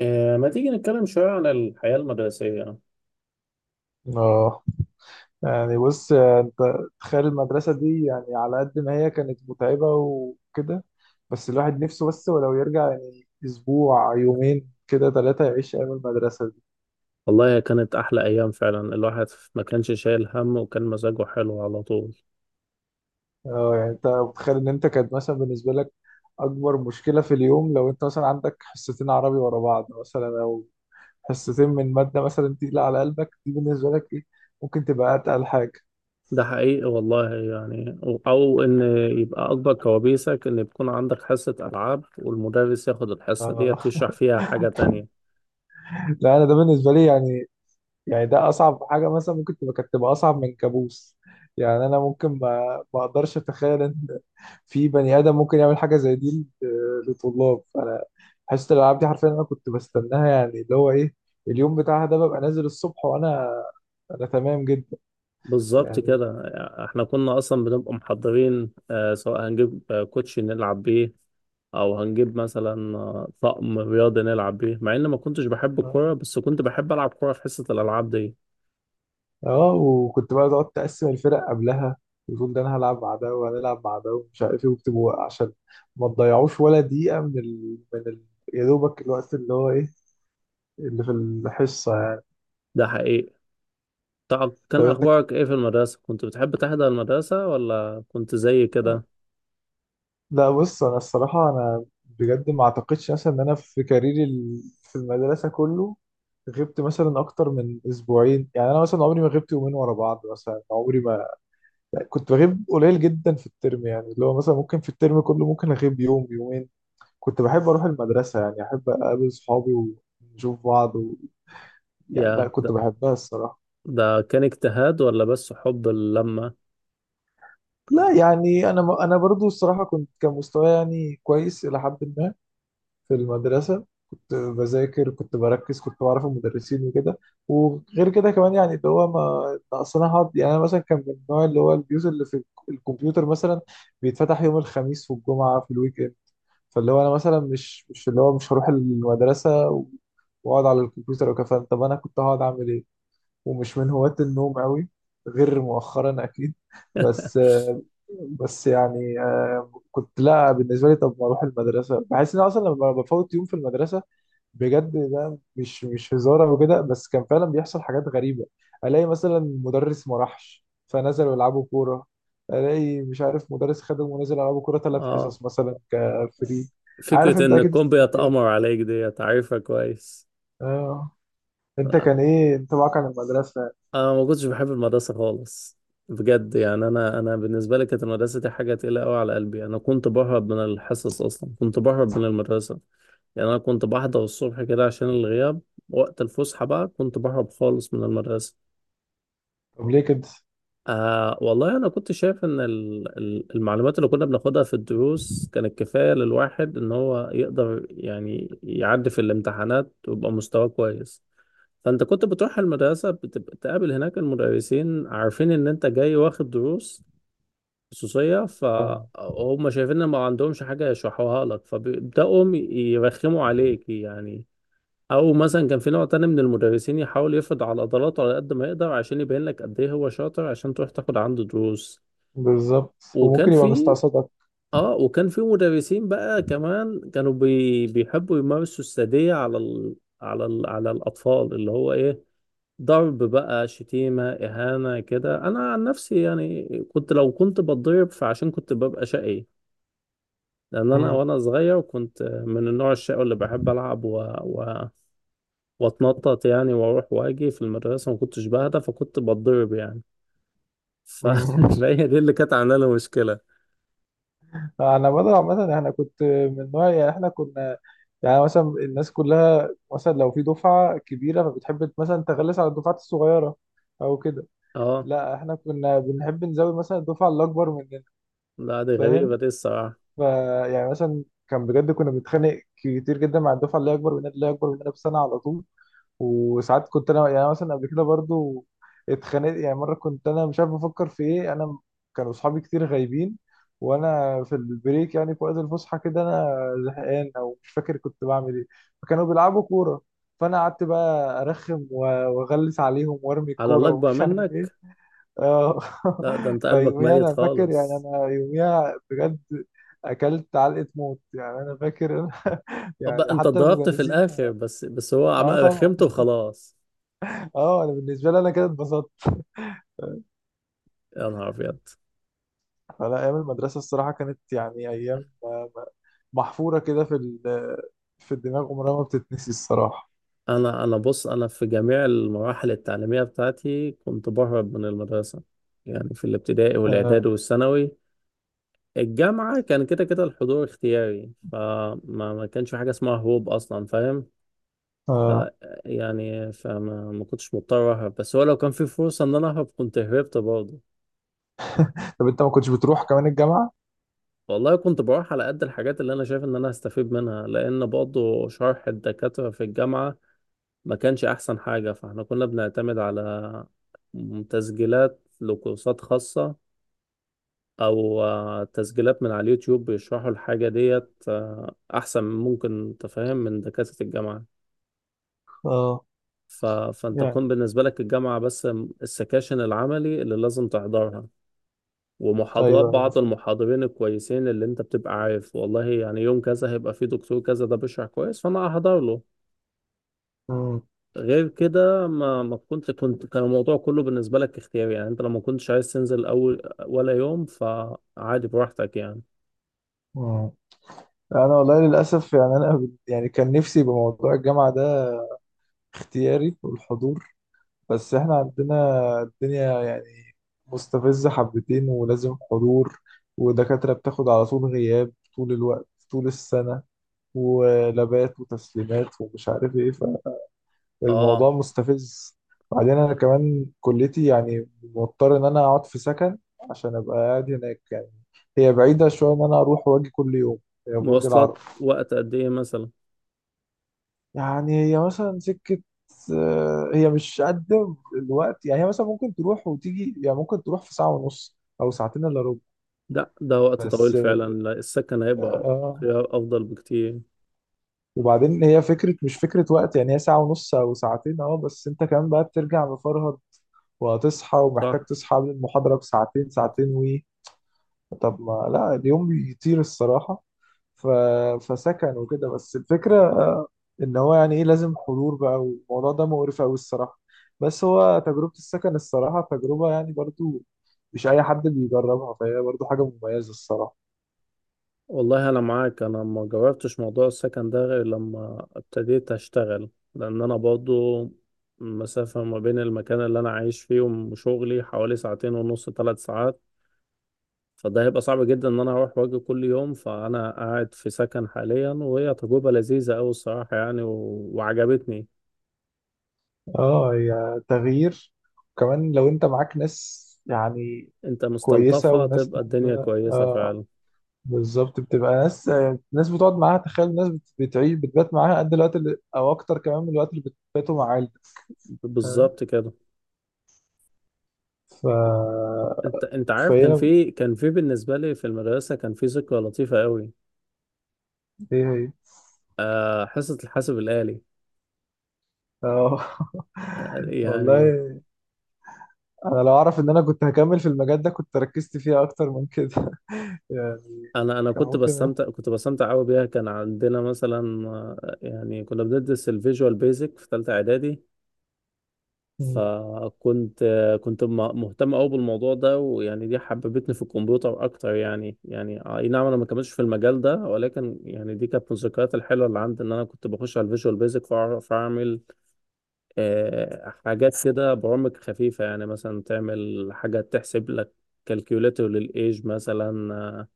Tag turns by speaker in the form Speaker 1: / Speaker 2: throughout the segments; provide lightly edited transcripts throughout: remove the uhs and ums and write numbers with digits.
Speaker 1: ما تيجي نتكلم شوية عن الحياة المدرسية؟
Speaker 2: اه بص انت، تخيل المدرسة دي يعني على قد ما هي كانت متعبة وكده. بس الواحد نفسه، بس ولو يرجع يعني اسبوع يومين كده ثلاثة يعيش ايام المدرسة دي.
Speaker 1: والله هي كانت أحلى أيام فعلا. الواحد ما كانش شايل هم، وكان مزاجه حلو على طول.
Speaker 2: اه، يعني انت متخيل ان انت كانت مثلا بالنسبة لك اكبر مشكلة في اليوم لو انت مثلا عندك حصتين عربي ورا بعض، مثلا او حصتين من مادة مثلا تقيلة على قلبك، دي بالنسبة لك ايه؟ ممكن تبقى اتقل حاجة؟
Speaker 1: ده حقيقي والله. يعني أو إن يبقى أكبر كوابيسك إن يكون عندك حصة ألعاب والمدرس ياخد الحصة دي
Speaker 2: اه
Speaker 1: يشرح فيها حاجة تانية.
Speaker 2: لا، انا ده بالنسبة لي يعني، يعني ده اصعب حاجه مثلا ممكن تبقى، كانت تبقى اصعب من كابوس. يعني انا ممكن ما اقدرش اتخيل ان في بني ادم ممكن يعمل حاجه زي دي لطلاب. انا حصه الالعاب دي حرفيا انا كنت بستناها، يعني اللي هو ايه، اليوم بتاعها ده ببقى نازل الصبح وانا انا تمام جدا
Speaker 1: بالظبط
Speaker 2: يعني.
Speaker 1: كده. احنا كنا اصلا بنبقى محضرين، سواء هنجيب كوتشي نلعب بيه، او هنجيب مثلا طقم رياضي نلعب بيه، مع ان ما كنتش بحب الكوره
Speaker 2: اه
Speaker 1: بس كنت بحب العب كوره في حصه الالعاب دي.
Speaker 2: آه، وكنت بقى تقعد تقسم الفرق قبلها وتقول ده انا هلعب مع ده وهنلعب مع ده ومش عارف ايه، وبتبقوا عشان ما تضيعوش ولا دقيقه من يا دوبك الوقت اللي هو ايه، اللي في الحصه.
Speaker 1: ده حقيقي. طب كان
Speaker 2: طب انت،
Speaker 1: اخبارك ايه في المدرسه؟ كنت بتحب تحضر المدرسه ولا كنت زي كده؟
Speaker 2: لا بص انا الصراحه انا بجد ما اعتقدش مثلا ان انا في كاريري في المدرسه كله غبت مثلا اكتر من اسبوعين. يعني انا مثلا عمري ما غبت يومين ورا بعض، مثلا عمري ما كنت بغيب، قليل جدا في الترم. يعني اللي هو مثلا ممكن في الترم كله ممكن اغيب يوم يومين. كنت بحب اروح المدرسه، يعني احب اقابل صحابي ونشوف بعض يعني لا،
Speaker 1: يا
Speaker 2: كنت
Speaker 1: ده،
Speaker 2: بحبها الصراحه.
Speaker 1: ده كان اجتهاد ولا بس حب اللمه؟
Speaker 2: لا يعني انا برضو الصراحه كنت، كان مستواي يعني كويس الى حد ما في المدرسة. كنت بذاكر، كنت بركز، كنت بعرف المدرسين وكده. وغير كده كمان يعني اللي هو ما ما اصل أنا أصلا هقعد يعني. أنا مثلا كان من النوع اللي هو البيوت اللي في الكمبيوتر مثلا بيتفتح يوم الخميس والجمعة في الويك إند. فاللي هو أنا مثلا مش اللي هو مش هروح المدرسة وأقعد على الكمبيوتر وكفاية. طب أنا كنت هقعد أعمل إيه؟ ومش من هواة النوم أوي، غير مؤخرا أكيد. بس بس يعني آه، كنت، لا بالنسبة لي طب ما أروح المدرسة، بحس إن أنا أصلا لما بفوت يوم في المدرسة، بجد ده مش هزار او كده، بس كان فعلا بيحصل حاجات غريبه. الاقي مثلا مدرس ما راحش فنزلوا يلعبوا كوره، الاقي مش عارف مدرس خدم ونزل يلعبوا كوره ثلاث
Speaker 1: اه،
Speaker 2: حصص مثلا كفري. عارف
Speaker 1: فكره
Speaker 2: انت
Speaker 1: ان
Speaker 2: اكيد
Speaker 1: الكون
Speaker 2: السيناريوهات
Speaker 1: بيتامر
Speaker 2: دي.
Speaker 1: عليك دي عارفها كويس.
Speaker 2: اه، انت كان ايه انطباعك عن المدرسه؟
Speaker 1: انا ما كنتش بحب المدرسه خالص بجد. يعني انا بالنسبه لي كانت المدرسه دي حاجه تقيله قوي على قلبي. انا كنت بهرب من الحصص اصلا، كنت بهرب من المدرسه. يعني انا كنت بحضر الصبح كده عشان الغياب، وقت الفسحه بقى كنت بهرب خالص من المدرسه.
Speaker 2: طب ليه كده؟
Speaker 1: والله انا كنت شايف ان المعلومات اللي كنا بناخدها في الدروس كانت كفايه للواحد ان هو يقدر يعني يعدي في الامتحانات ويبقى مستواه كويس. فانت كنت بتروح المدرسة، بتبقى تقابل هناك المدرسين عارفين ان انت جاي واخد دروس خصوصية،
Speaker 2: اه
Speaker 1: فهم شايفين ان ما عندهمش حاجة يشرحوها لك فبيبدأوا يرخموا عليك يعني. او مثلا كان في نوع تاني من المدرسين يحاول يفرض على عضلاته على قد ما يقدر، عشان يبين لك قد ايه هو شاطر عشان تروح تاخد عنده دروس.
Speaker 2: بالظبط.
Speaker 1: وكان
Speaker 2: وممكن يبقى
Speaker 1: في
Speaker 2: مستقصدك.
Speaker 1: اه وكان في مدرسين بقى كمان كانوا بيحبوا يمارسوا السادية على الاطفال، اللي هو ايه، ضرب بقى، شتيمة، إهانة كده. أنا عن نفسي يعني، كنت لو كنت بتضرب فعشان كنت ببقى شقي. لأن أنا
Speaker 2: مم.
Speaker 1: وأنا صغير كنت من النوع الشقي اللي بحب ألعب وأتنطط يعني، وأروح وأجي في المدرسة ما كنتش بهدى، فكنت بتضرب يعني. ف-
Speaker 2: مم.
Speaker 1: فهي دي اللي كانت عاملة لي مشكلة.
Speaker 2: انا بدر عامه، احنا كنت من نوع يعني احنا كنا، يعني مثلا الناس كلها مثلا لو في دفعة كبيرة فبتحب مثلا تغلس على الدفعات الصغيرة أو كده.
Speaker 1: أه.
Speaker 2: لا احنا كنا بنحب نزود مثلا الدفعة اللي أكبر مننا.
Speaker 1: لا، دي غريبة
Speaker 2: فاهم،
Speaker 1: دي الصراحة.
Speaker 2: فيعني مثلا كان بجد كنا بنتخانق كتير جدا مع الدفعة اللي هي أكبر مننا، اللي هي أكبر مننا بسنة على طول. وساعات كنت انا يعني، أنا مثلا قبل كده برضو اتخانقت يعني. مره كنت انا مش عارف بفكر في ايه، انا كانوا اصحابي كتير غايبين، وانا في البريك يعني في وقت الفسحه كده، انا زهقان او مش فاكر كنت بعمل ايه، فكانوا بيلعبوا كوره، فانا قعدت بقى ارخم واغلس عليهم وارمي
Speaker 1: على
Speaker 2: الكوره
Speaker 1: اللي أكبر
Speaker 2: ومش عارف ايه.
Speaker 1: منك؟
Speaker 2: اه.
Speaker 1: لا ده أنت قلبك
Speaker 2: فيوميها
Speaker 1: ميت
Speaker 2: انا فاكر، يعني
Speaker 1: خالص.
Speaker 2: انا يوميها بجد اكلت علقه موت يعني، انا فاكر.
Speaker 1: أبقى
Speaker 2: يعني
Speaker 1: أنت
Speaker 2: حتى
Speaker 1: ضربت في
Speaker 2: المدرسين.
Speaker 1: الآخر، بس بس هو
Speaker 2: اه طبعا.
Speaker 1: رخمته وخلاص.
Speaker 2: اه انا بالنسبه لي انا كده اتبسطت.
Speaker 1: يا نهار أبيض.
Speaker 2: فلا، ايام المدرسه الصراحه كانت يعني ايام آه، محفوره كده في في الدماغ، عمرها ما بتتنسي الصراحه.
Speaker 1: انا بص، انا في جميع المراحل التعليميه بتاعتي كنت بهرب من المدرسه، يعني في الابتدائي
Speaker 2: آه.
Speaker 1: والاعدادي والثانوي. الجامعه كان كده كده الحضور اختياري، فما ما كانش في حاجه اسمها هروب اصلا، فاهم؟ ف
Speaker 2: آه.
Speaker 1: يعني فما ما كنتش مضطر اهرب، بس هو لو كان في فرصه ان انا اهرب كنت هربت برضه.
Speaker 2: طب انت ما كنتش بتروح كمان الجامعه؟
Speaker 1: والله كنت بروح على قد الحاجات اللي انا شايف ان انا هستفيد منها، لان برضه شرح الدكاتره في الجامعه ما كانش احسن حاجة. فاحنا كنا بنعتمد على تسجيلات لكورسات خاصة، او تسجيلات من على اليوتيوب بيشرحوا الحاجة ديت احسن ممكن تفهم من دكاترة الجامعة.
Speaker 2: اه
Speaker 1: فانت
Speaker 2: يعني.
Speaker 1: تكون بالنسبة لك الجامعة بس السكاشن العملي اللي لازم تحضرها، ومحاضرات
Speaker 2: ايوه ايوه.
Speaker 1: بعض المحاضرين الكويسين اللي انت بتبقى عارف والله يعني يوم كذا هيبقى فيه دكتور كذا ده بيشرح كويس فانا هحضر له.
Speaker 2: مم.
Speaker 1: غير كده، ما ما كنت كنت كان الموضوع كله بالنسبة لك اختياري. يعني انت لو ما كنتش عايز تنزل اول ولا يوم فعادي براحتك يعني.
Speaker 2: مم. انا والله للاسف يعني يعني كان نفسي يبقى موضوع الجامعه ده اختياري والحضور. بس احنا عندنا الدنيا يعني مستفزة حبتين ولازم حضور، ودكاترة بتاخد على طول غياب طول الوقت طول السنة، ولابات وتسليمات ومش عارف ايه،
Speaker 1: اه،
Speaker 2: فالموضوع مستفز. بعدين انا كمان كليتي يعني مضطر ان انا اقعد في سكن عشان ابقى قاعد هناك، يعني هي بعيدة شوية ان انا اروح واجي كل يوم، هي في برج العرب.
Speaker 1: مواصلات وقت قد ايه مثلا؟
Speaker 2: يعني هي مثلا سكة آه، هي مش قد الوقت يعني، هي مثلا ممكن تروح وتيجي، يعني ممكن تروح في ساعة ونص أو ساعتين إلا ربع.
Speaker 1: ده وقت طويل
Speaker 2: بس
Speaker 1: فعلا. لا، السكن هيبقى
Speaker 2: آه،
Speaker 1: خيار افضل بكتير.
Speaker 2: وبعدين هي فكرة، مش فكرة وقت يعني، هي ساعة ونص أو ساعتين أه، بس أنت كمان بقى بترجع مفرهد وهتصحى، ومحتاج
Speaker 1: صح.
Speaker 2: تصحى قبل المحاضرة بساعتين ساعتين وي. طب ما لا، اليوم بيطير الصراحة. ف... فسكن وكده، بس الفكرة ان هو يعني ايه، لازم حضور بقى، والموضوع ده مقرف قوي الصراحه. بس هو تجربه السكن الصراحه تجربه يعني برضو مش اي حد بيجربها، فهي برضو حاجه مميزه الصراحه.
Speaker 1: والله انا معاك. انا ما جربتش موضوع السكن ده غير لما ابتديت اشتغل. لان انا برضو المسافة ما بين المكان اللي انا عايش فيه وشغلي حوالي ساعتين ونص، 3 ساعات. فده هيبقى صعب جدا ان انا اروح واجي كل يوم، فانا قاعد في سكن حاليا، وهي تجربة لذيذة قوي الصراحة يعني وعجبتني.
Speaker 2: اه هي تغيير. وكمان لو انت معاك ناس يعني
Speaker 1: انت
Speaker 2: كويسه
Speaker 1: مستلطفة
Speaker 2: وناس
Speaker 1: تبقى الدنيا
Speaker 2: تحبها،
Speaker 1: كويسة
Speaker 2: اه
Speaker 1: فعلا.
Speaker 2: بالظبط، بتبقى ناس، ناس بتقعد معاها، تخيل ناس بتعيش بتبات معاها قد الوقت اللي، او اكتر كمان من الوقت اللي بتباتوا مع عيلتك. فاهم.
Speaker 1: بالظبط كده.
Speaker 2: ف
Speaker 1: انت عارف، كان
Speaker 2: فهي
Speaker 1: في كان في بالنسبة لي في المدرسة كان في ذكرى لطيفة قوي.
Speaker 2: ايه، هي
Speaker 1: حصة الحاسب الآلي.
Speaker 2: اه.
Speaker 1: يعني
Speaker 2: والله انا لو اعرف ان انا كنت هكمل في المجال ده كنت ركزت فيه اكتر من كده. يعني
Speaker 1: انا
Speaker 2: كان
Speaker 1: كنت
Speaker 2: ممكن.
Speaker 1: بستمتع كنت بستمتع قوي بيها. كان عندنا مثلا يعني كنا بندرس الفيجوال بيزك في ثالثة اعدادي.
Speaker 2: مم.
Speaker 1: فكنت مهتم قوي بالموضوع ده، ويعني دي حببتني في الكمبيوتر اكتر. يعني اي نعم، انا ما كملتش في المجال ده، ولكن يعني دي كانت من الذكريات الحلوه اللي عندي ان انا كنت بخش على الفيجوال بيزك فاعرف اعمل حاجات كده، برامج خفيفه يعني مثلا تعمل حاجه تحسب لك، كالكيوليتر للايج مثلا،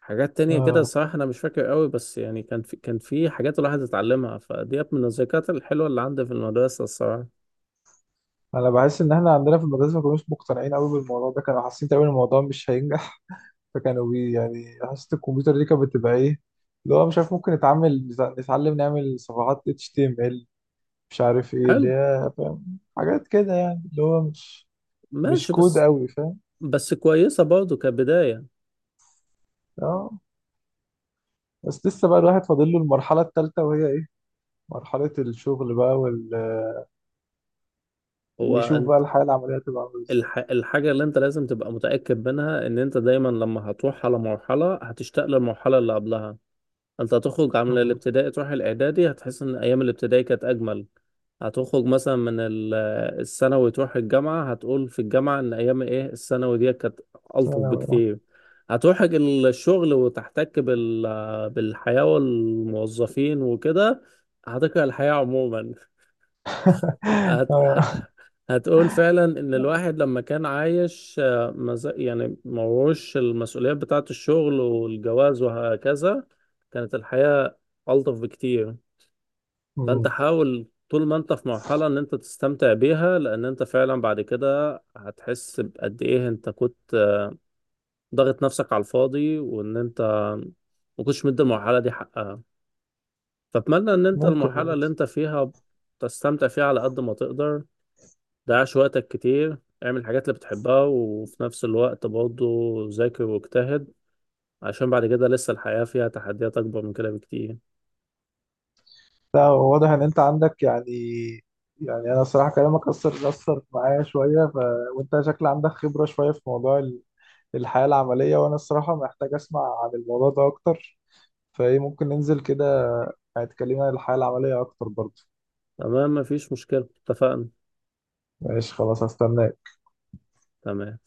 Speaker 1: حاجات تانية كده.
Speaker 2: اه
Speaker 1: الصراحة أنا مش فاكر قوي، بس يعني كان في حاجات الواحد اتعلمها فديت من الذكريات الحلوة اللي عندي في المدرسة الصراحة.
Speaker 2: انا بحس ان احنا عندنا في المدرسه ما كانوش مقتنعين قوي بالموضوع ده، كانوا حاسين تقريبا الموضوع مش هينجح. فكانوا بي يعني، حاسه الكمبيوتر دي كانت بتبقى ايه، اللي هو مش عارف ممكن نتعامل نتعلم نعمل صفحات HTML، مش عارف ايه اللي
Speaker 1: حلو.
Speaker 2: هي، فاهم، حاجات كده يعني اللي هو مش
Speaker 1: ماشي.
Speaker 2: كود
Speaker 1: بس،
Speaker 2: قوي، فاهم.
Speaker 1: بس كويسة برضه كبداية.
Speaker 2: اه، بس لسه بقى الواحد فاضل له المرحله الثالثه، وهي مرحلة الشغل بقى ويشوف بقى
Speaker 1: انت،
Speaker 2: الحياة العملية تبقى عاملة ازاي.
Speaker 1: الحاجة اللي انت لازم تبقى متأكد منها ان انت دايما لما هتروح على مرحلة هتشتاق للمرحلة اللي قبلها. انت هتخرج من
Speaker 2: مم.
Speaker 1: الابتدائي تروح الاعدادي، هتحس ان ايام الابتدائي كانت اجمل. هتخرج مثلا من الثانوي تروح الجامعة، هتقول في الجامعة ان ايام ايه الثانوي دي كانت الطف
Speaker 2: ثانوي، آه.
Speaker 1: بكتير. هتروح الشغل وتحتك بالحياة والموظفين وكده، هتكره الحياة عموما. هت... ه-
Speaker 2: آه.
Speaker 1: هتقول فعلا ان الواحد لما كان عايش يعني موش المسؤوليات بتاعة الشغل والجواز وهكذا، كانت الحياة ألطف بكتير. فانت
Speaker 2: مم.
Speaker 1: حاول طول ما انت في مرحلة ان انت تستمتع بيها، لان انت فعلا بعد كده هتحس بقد ايه انت كنت ضاغط نفسك على الفاضي، وان انت ما كنتش مدي المرحلة دي حقها. فأتمنى ان انت
Speaker 2: ممكن
Speaker 1: المرحلة اللي
Speaker 2: برضه.
Speaker 1: انت فيها تستمتع فيها على قد ما تقدر، ضيعش وقتك كتير، اعمل الحاجات اللي بتحبها، وفي نفس الوقت برضه ذاكر واجتهد، عشان بعد كده لسه الحياة فيها تحديات أكبر من كده بكتير.
Speaker 2: لا هو واضح ان انت عندك يعني، يعني انا الصراحة كلامك اثر اثر معايا شوية وانت شكل عندك خبرة شوية في موضوع الحياة العملية، وانا الصراحة محتاج اسمع عن الموضوع ده اكتر. فايه ممكن ننزل كده، هتكلمنا عن الحياة العملية اكتر برضه؟
Speaker 1: تمام، مفيش مشكلة، اتفقنا.
Speaker 2: ماشي خلاص، هستناك.
Speaker 1: تمام.